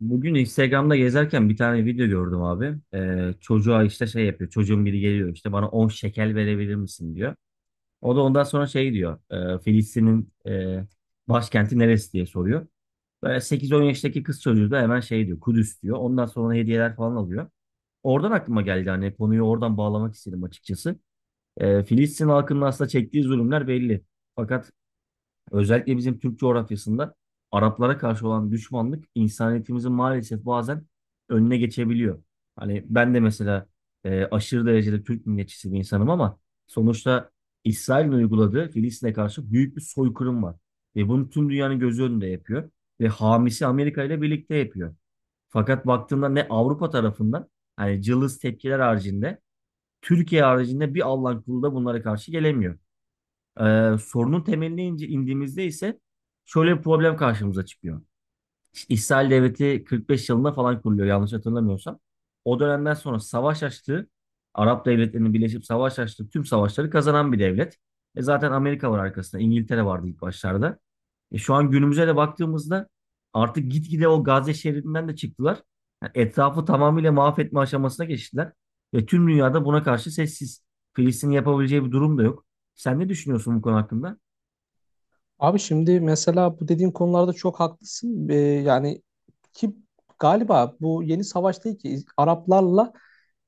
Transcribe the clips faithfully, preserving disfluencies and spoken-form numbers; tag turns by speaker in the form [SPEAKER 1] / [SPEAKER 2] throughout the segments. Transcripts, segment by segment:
[SPEAKER 1] Bugün Instagram'da gezerken bir tane video gördüm abi. Ee, çocuğa işte şey yapıyor. Çocuğun biri geliyor işte bana on şekel verebilir misin diyor. O da ondan sonra şey diyor. e, Filistin'in e, başkenti neresi diye soruyor. Böyle sekiz on yaştaki kız çocuğu da hemen şey diyor. Kudüs diyor. Ondan sonra hediyeler falan alıyor. Oradan aklıma geldi hani konuyu oradan bağlamak istedim açıkçası. Ee, Filistin halkının aslında çektiği zulümler belli. Fakat özellikle bizim Türk coğrafyasında Araplara karşı olan düşmanlık insaniyetimizin maalesef bazen önüne geçebiliyor. Hani ben de mesela e, aşırı derecede Türk milliyetçisi bir insanım ama sonuçta İsrail'in uyguladığı Filistin'e karşı büyük bir soykırım var. Ve bunu tüm dünyanın gözü önünde yapıyor. Ve hamisi Amerika ile birlikte yapıyor. Fakat baktığında ne Avrupa tarafından hani cılız tepkiler haricinde Türkiye haricinde bir Allah'ın kulu da bunlara karşı gelemiyor. Ee, sorunun temeline ince indiğimizde ise şöyle bir problem karşımıza çıkıyor. İsrail Devleti kırk beş yılında falan kuruluyor yanlış hatırlamıyorsam. O dönemden sonra savaş açtığı, Arap devletlerinin birleşip savaş açtığı tüm savaşları kazanan bir devlet. E zaten Amerika var arkasında, İngiltere vardı ilk başlarda. E şu an günümüze de baktığımızda artık gitgide o Gazze şeridinden de çıktılar. Yani etrafı tamamıyla mahvetme aşamasına geçtiler. Ve tüm dünyada buna karşı sessiz. Filistin yapabileceği bir durum da yok. Sen ne düşünüyorsun bu konu hakkında?
[SPEAKER 2] Abi şimdi mesela bu dediğin konularda çok haklısın. Ee, yani ki galiba bu yeni savaş değil ki İz- Araplarla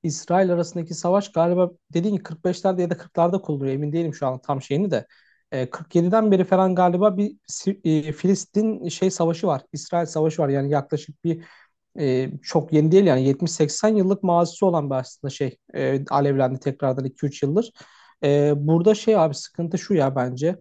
[SPEAKER 2] İsrail arasındaki savaş galiba dediğin gibi kırk beşlerde ya da kırklarda kuruluyor. Emin değilim şu an tam şeyini de. Ee, kırk yediden beri falan galiba bir Si- e, Filistin şey savaşı var. İsrail savaşı var. Yani yaklaşık bir e, çok yeni değil yani yetmiş seksen yıllık mazisi olan bir aslında şey e, alevlendi tekrardan iki üç yıldır. E, burada şey abi sıkıntı şu ya bence.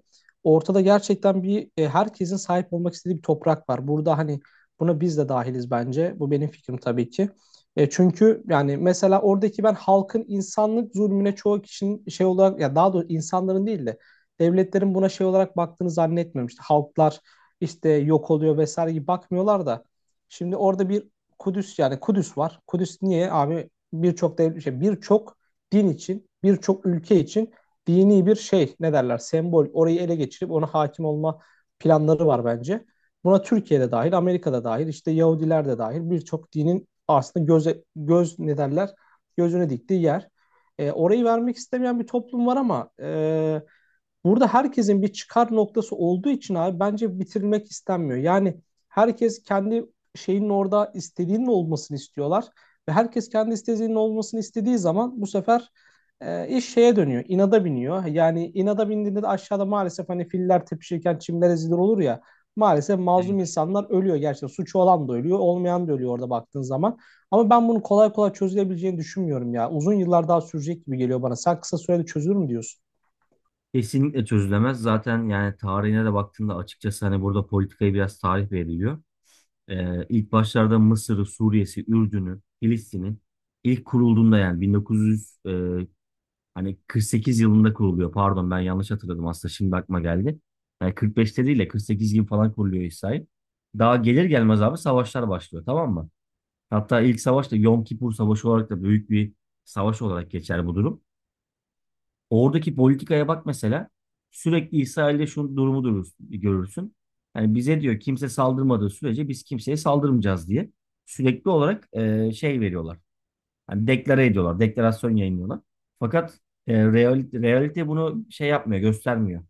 [SPEAKER 2] Ortada gerçekten bir e, herkesin sahip olmak istediği bir toprak var. Burada hani buna biz de dahiliz bence. Bu benim fikrim tabii ki. E, çünkü yani mesela oradaki ben halkın insanlık zulmüne çoğu kişinin şey olarak ya daha doğrusu insanların değil de devletlerin buna şey olarak baktığını zannetmiyorum. İşte halklar işte yok oluyor vesaire gibi bakmıyorlar da. Şimdi orada bir Kudüs yani Kudüs var. Kudüs niye abi birçok dev- şey birçok din için, birçok ülke için dini bir şey ne derler sembol. Orayı ele geçirip ona hakim olma planları var bence. Buna Türkiye'de dahil, Amerika'da dahil, işte Yahudiler de dahil birçok dinin aslında göze, göz ne derler gözüne diktiği yer. E, orayı vermek istemeyen bir toplum var ama e, burada herkesin bir çıkar noktası olduğu için abi bence bitirilmek istenmiyor. Yani herkes kendi şeyinin orada istediğinin olmasını istiyorlar ve herkes kendi istediğinin olmasını istediği zaman bu sefer e, iş şeye dönüyor, inada biniyor. Yani inada bindiğinde de aşağıda maalesef hani filler tepişirken çimler ezilir olur ya. Maalesef mazlum insanlar ölüyor gerçekten. Suçu olan da ölüyor, olmayan da ölüyor orada baktığın zaman. Ama ben bunu kolay kolay çözülebileceğini düşünmüyorum ya. Uzun yıllar daha sürecek gibi geliyor bana. Sen kısa sürede çözülür mü diyorsun?
[SPEAKER 1] Kesinlikle çözülemez. Zaten yani tarihine de baktığında açıkçası hani burada politikaya biraz tarih veriliyor. Ee, ilk başlarda Mısır'ı, Suriye'si, Ürdün'ü, Filistin'i ilk kurulduğunda yani bin dokuz yüz e, hani kırk sekiz yılında kuruluyor. Pardon ben yanlış hatırladım aslında şimdi aklıma geldi. Yani kırk beşte değil de kırk sekiz gibi falan kuruluyor İsrail. Daha gelir gelmez abi savaşlar başlıyor, tamam mı? Hatta ilk savaş da Yom Kipur Savaşı olarak da büyük bir savaş olarak geçer bu durum. Oradaki politikaya bak mesela. Sürekli İsrail'de şu durumu durur- görürsün. Yani bize diyor, kimse saldırmadığı sürece biz kimseye saldırmayacağız diye. Sürekli olarak e, şey veriyorlar. Hani deklare ediyorlar, deklarasyon yayınlıyorlar. Fakat e, realite, realite bunu şey yapmıyor, göstermiyor.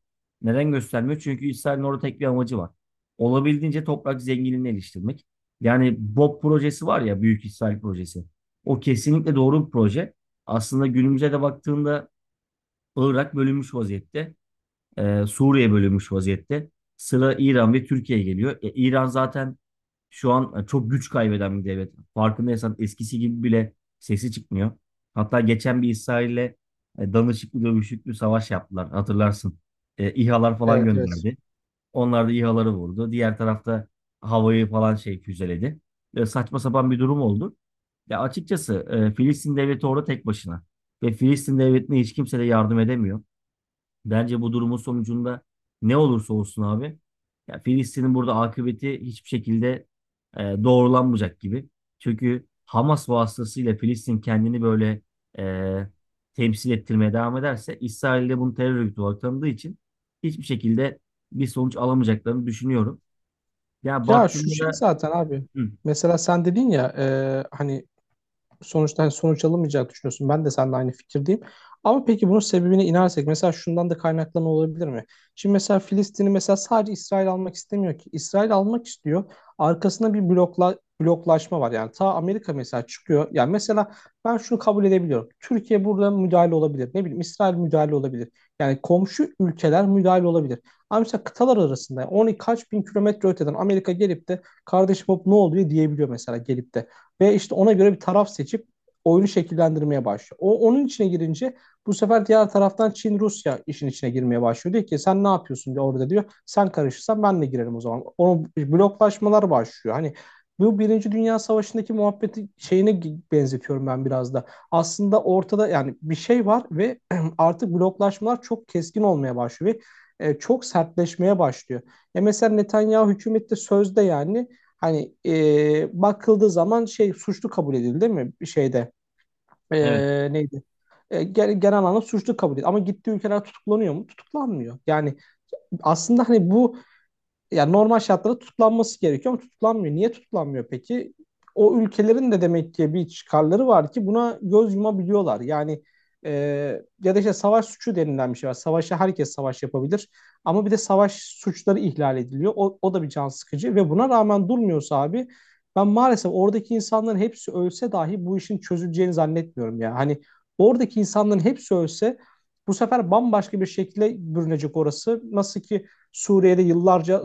[SPEAKER 1] Neden göstermiyor? Çünkü İsrail'in orada tek bir amacı var. Olabildiğince toprak zenginliğini eleştirmek. Yani BOP projesi var ya, Büyük İsrail projesi. O kesinlikle doğru bir proje. Aslında günümüze de baktığında Irak bölünmüş vaziyette. Ee, Suriye bölünmüş vaziyette. Sıra İran ve Türkiye geliyor. E, İran zaten şu an e, çok güç kaybeden bir devlet. Farkındaysan eskisi gibi bile sesi çıkmıyor. Hatta geçen bir İsrail'le e, danışıklı dövüşüklü savaş yaptılar, hatırlarsın. E, İHA'lar falan
[SPEAKER 2] Evet, evet.
[SPEAKER 1] gönderdi. Onlar da İHA'ları vurdu. Diğer tarafta havayı falan şey füzeledi. E, saçma sapan bir durum oldu. Ya açıkçası e, Filistin devleti orada tek başına. Ve Filistin devletine hiç kimse de yardım edemiyor. Bence bu durumun sonucunda ne olursa olsun abi, ya Filistin'in burada akıbeti hiçbir şekilde e, doğrulanmayacak gibi. Çünkü Hamas vasıtasıyla Filistin kendini böyle e, temsil ettirmeye devam ederse, İsrail de bunu terör örgütü olarak tanıdığı için hiçbir şekilde bir sonuç alamayacaklarını düşünüyorum. Ya
[SPEAKER 2] Ya şu
[SPEAKER 1] baktığında
[SPEAKER 2] şey
[SPEAKER 1] da.
[SPEAKER 2] zaten abi.
[SPEAKER 1] Hı,
[SPEAKER 2] Mesela sen dedin ya e, hani sonuçtan sonuç alamayacağını düşünüyorsun. Ben de seninle aynı fikirdeyim. Ama peki bunun sebebine inersek mesela şundan da kaynaklanma olabilir mi? Şimdi mesela Filistin'i mesela sadece İsrail almak istemiyor ki. İsrail almak istiyor. Arkasında bir blokla bloklaşma var. Yani ta Amerika mesela çıkıyor. Yani mesela ben şunu kabul edebiliyorum. Türkiye burada müdahale olabilir. Ne bileyim İsrail müdahale olabilir. Yani komşu ülkeler müdahale olabilir. Ama mesela kıtalar arasında on kaç bin kilometre öteden Amerika gelip de kardeşim hop ne oluyor diyebiliyor mesela gelip de. Ve işte ona göre bir taraf seçip oyunu şekillendirmeye başlıyor. O onun içine girince bu sefer diğer taraftan Çin Rusya işin içine girmeye başlıyor. Diyor ki sen ne yapıyorsun diyor orada diyor. Sen karışırsan ben de girerim o zaman. O bloklaşmalar başlıyor. Hani bu Birinci Dünya Savaşı'ndaki muhabbeti şeyine benzetiyorum ben biraz da. Aslında ortada yani bir şey var ve artık bloklaşmalar çok keskin olmaya başlıyor ve e, çok sertleşmeye başlıyor. E mesela Netanyahu hükümette sözde yani hani e, bakıldığı zaman şey suçlu kabul edildi değil mi? Bir şeyde e,
[SPEAKER 1] evet,
[SPEAKER 2] neydi? E, genel, genel anlamda suçlu kabul edildi. Ama gittiği ülkeler tutuklanıyor mu? Tutuklanmıyor. Yani aslında hani bu yani normal şartlarda tutuklanması gerekiyor ama tutuklanmıyor. Niye tutuklanmıyor peki? O ülkelerin de demek ki bir çıkarları var ki buna göz yumabiliyorlar. Yani e, ya da işte savaş suçu denilen bir şey var. Savaşa herkes savaş yapabilir ama bir de savaş suçları ihlal ediliyor. O, o da bir can sıkıcı ve buna rağmen durmuyorsa abi ben maalesef oradaki insanların hepsi ölse dahi bu işin çözüleceğini zannetmiyorum ya. Hani oradaki insanların hepsi ölse bu sefer bambaşka bir şekilde bürünecek orası. Nasıl ki Suriye'de yıllarca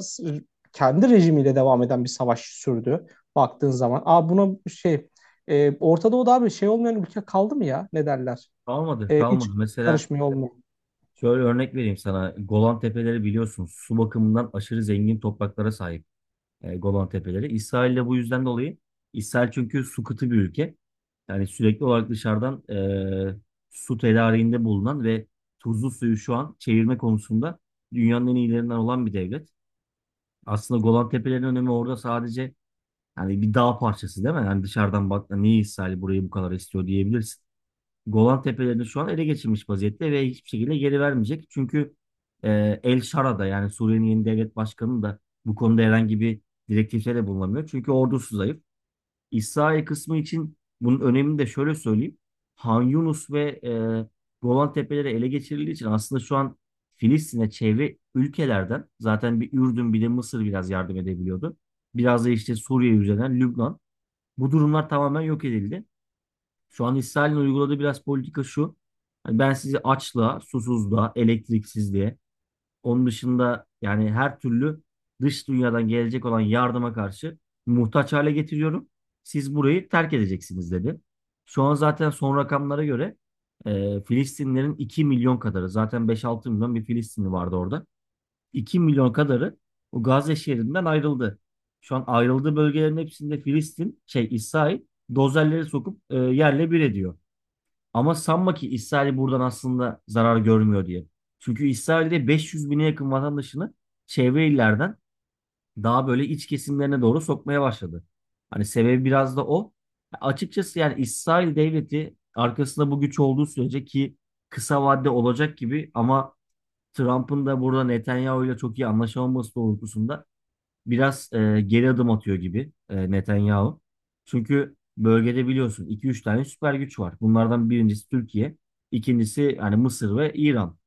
[SPEAKER 2] kendi rejimiyle devam eden bir savaş sürdü baktığın zaman. Aa buna şey e, Orta Doğu'da abi şey olmayan ülke kaldı mı ya? Ne derler?
[SPEAKER 1] kalmadı
[SPEAKER 2] E,
[SPEAKER 1] kalmadı.
[SPEAKER 2] hiç
[SPEAKER 1] Mesela
[SPEAKER 2] karışmıyor olmuyor.
[SPEAKER 1] şöyle örnek vereyim sana. Golan Tepeleri biliyorsun, su bakımından aşırı zengin topraklara sahip. e, Golan Tepeleri. İsrail'le bu yüzden dolayı, İsrail çünkü su kıtı bir ülke. Yani sürekli olarak dışarıdan e, su tedariğinde bulunan ve tuzlu suyu şu an çevirme konusunda dünyanın en iyilerinden olan bir devlet. Aslında Golan Tepeleri'nin önemi orada sadece, yani bir dağ parçası değil mi? Yani dışarıdan baktığında niye İsrail burayı bu kadar istiyor diyebilirsin. Golan Tepelerini şu an ele geçirmiş vaziyette ve hiçbir şekilde geri vermeyecek. Çünkü e, El Şara da, yani Suriye'nin yeni devlet başkanı da, bu konuda herhangi bir direktifte de bulunamıyor. Çünkü ordusu zayıf. İsrail kısmı için bunun önemini de şöyle söyleyeyim. Han Yunus ve e, Golan Tepeleri ele geçirildiği için aslında şu an Filistin'e çevre ülkelerden zaten bir Ürdün, bir de Mısır biraz yardım edebiliyordu. Biraz da işte Suriye üzerinden Lübnan. Bu durumlar tamamen yok edildi. Şu an İsrail'in uyguladığı biraz politika şu: hani ben sizi açlığa, susuzluğa, elektriksizliğe, onun dışında yani her türlü dış dünyadan gelecek olan yardıma karşı muhtaç hale getiriyorum. Siz burayı terk edeceksiniz dedi. Şu an zaten son rakamlara göre e, Filistinlerin iki milyon kadarı, zaten beş altı milyon bir Filistinli vardı orada. iki milyon kadarı o Gazze şehrinden ayrıldı. Şu an ayrıldığı bölgelerin hepsinde Filistin, şey İsrail dozerleri sokup e, yerle bir ediyor. Ama sanma ki İsrail buradan aslında zarar görmüyor diye. Çünkü İsrail'de beş yüz bine yakın vatandaşını çevre illerden daha böyle iç kesimlerine doğru sokmaya başladı. Hani sebebi biraz da o. Açıkçası yani İsrail devleti arkasında bu güç olduğu sürece, ki kısa vadede olacak gibi, ama Trump'ın da burada Netanyahu ile çok iyi anlaşamaması doğrultusunda biraz e, geri adım atıyor gibi e, Netanyahu. Çünkü bölgede biliyorsun iki üç tane süper güç var. Bunlardan birincisi Türkiye, ikincisi hani Mısır ve İran.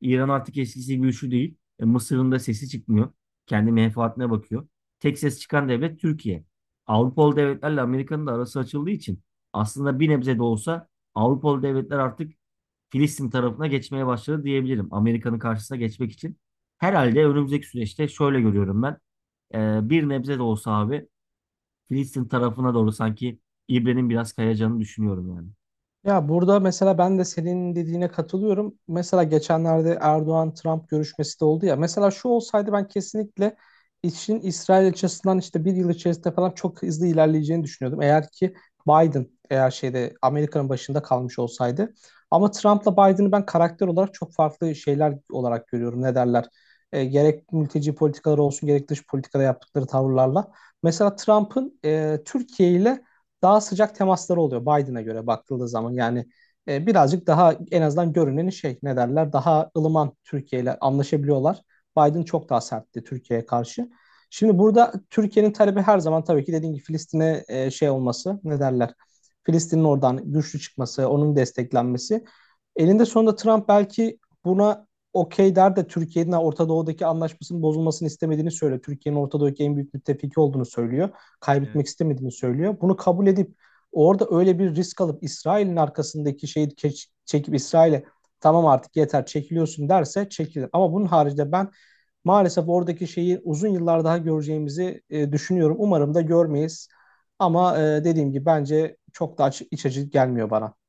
[SPEAKER 1] İran artık eskisi gibi güçlü değil. E, Mısır'ın da sesi çıkmıyor. Kendi menfaatine bakıyor. Tek ses çıkan devlet Türkiye. Avrupalı devletlerle Amerika'nın da arası açıldığı için aslında bir nebze de olsa Avrupalı devletler artık Filistin tarafına geçmeye başladı diyebilirim. Amerika'nın karşısına geçmek için. Herhalde önümüzdeki süreçte şöyle görüyorum ben. Ee, bir nebze de olsa abi Filistin tarafına doğru sanki İbre'nin biraz kayacağını düşünüyorum yani.
[SPEAKER 2] Ya burada mesela ben de senin dediğine katılıyorum. Mesela geçenlerde Erdoğan-Trump görüşmesi de oldu ya. Mesela şu olsaydı ben kesinlikle işin İsrail açısından işte bir yıl içerisinde falan çok hızlı ilerleyeceğini düşünüyordum. Eğer ki Biden eğer şeyde Amerika'nın başında kalmış olsaydı. Ama Trump'la Biden'ı ben karakter olarak çok farklı şeyler olarak görüyorum. Ne derler? E, gerek mülteci politikaları olsun gerek dış politikada yaptıkları tavırlarla. Mesela Trump'ın e, Türkiye ile daha sıcak temasları oluyor Biden'a göre bakıldığı zaman. Yani e, birazcık daha en azından görünen şey ne derler daha ılıman Türkiye ile anlaşabiliyorlar. Biden çok daha sertti Türkiye'ye karşı. Şimdi burada Türkiye'nin talebi her zaman tabii ki dediğim gibi Filistin'e e, şey olması ne derler Filistin'in oradan güçlü çıkması, onun desteklenmesi. Elinde sonunda Trump belki buna okey der de Türkiye'nin Orta Doğu'daki anlaşmasının bozulmasını istemediğini söylüyor. Türkiye'nin Orta Doğu'daki en büyük müttefiki olduğunu söylüyor
[SPEAKER 1] Evet.
[SPEAKER 2] kaybetmek istemediğini söylüyor. Bunu kabul edip orada öyle bir risk alıp İsrail'in arkasındaki şeyi ke- çekip İsrail'e tamam artık yeter çekiliyorsun derse çekilir. Ama bunun haricinde ben maalesef oradaki şeyi uzun yıllar daha göreceğimizi e, düşünüyorum. Umarım da görmeyiz. Ama e, dediğim gibi bence çok da aç- iç açıcı gelmiyor bana.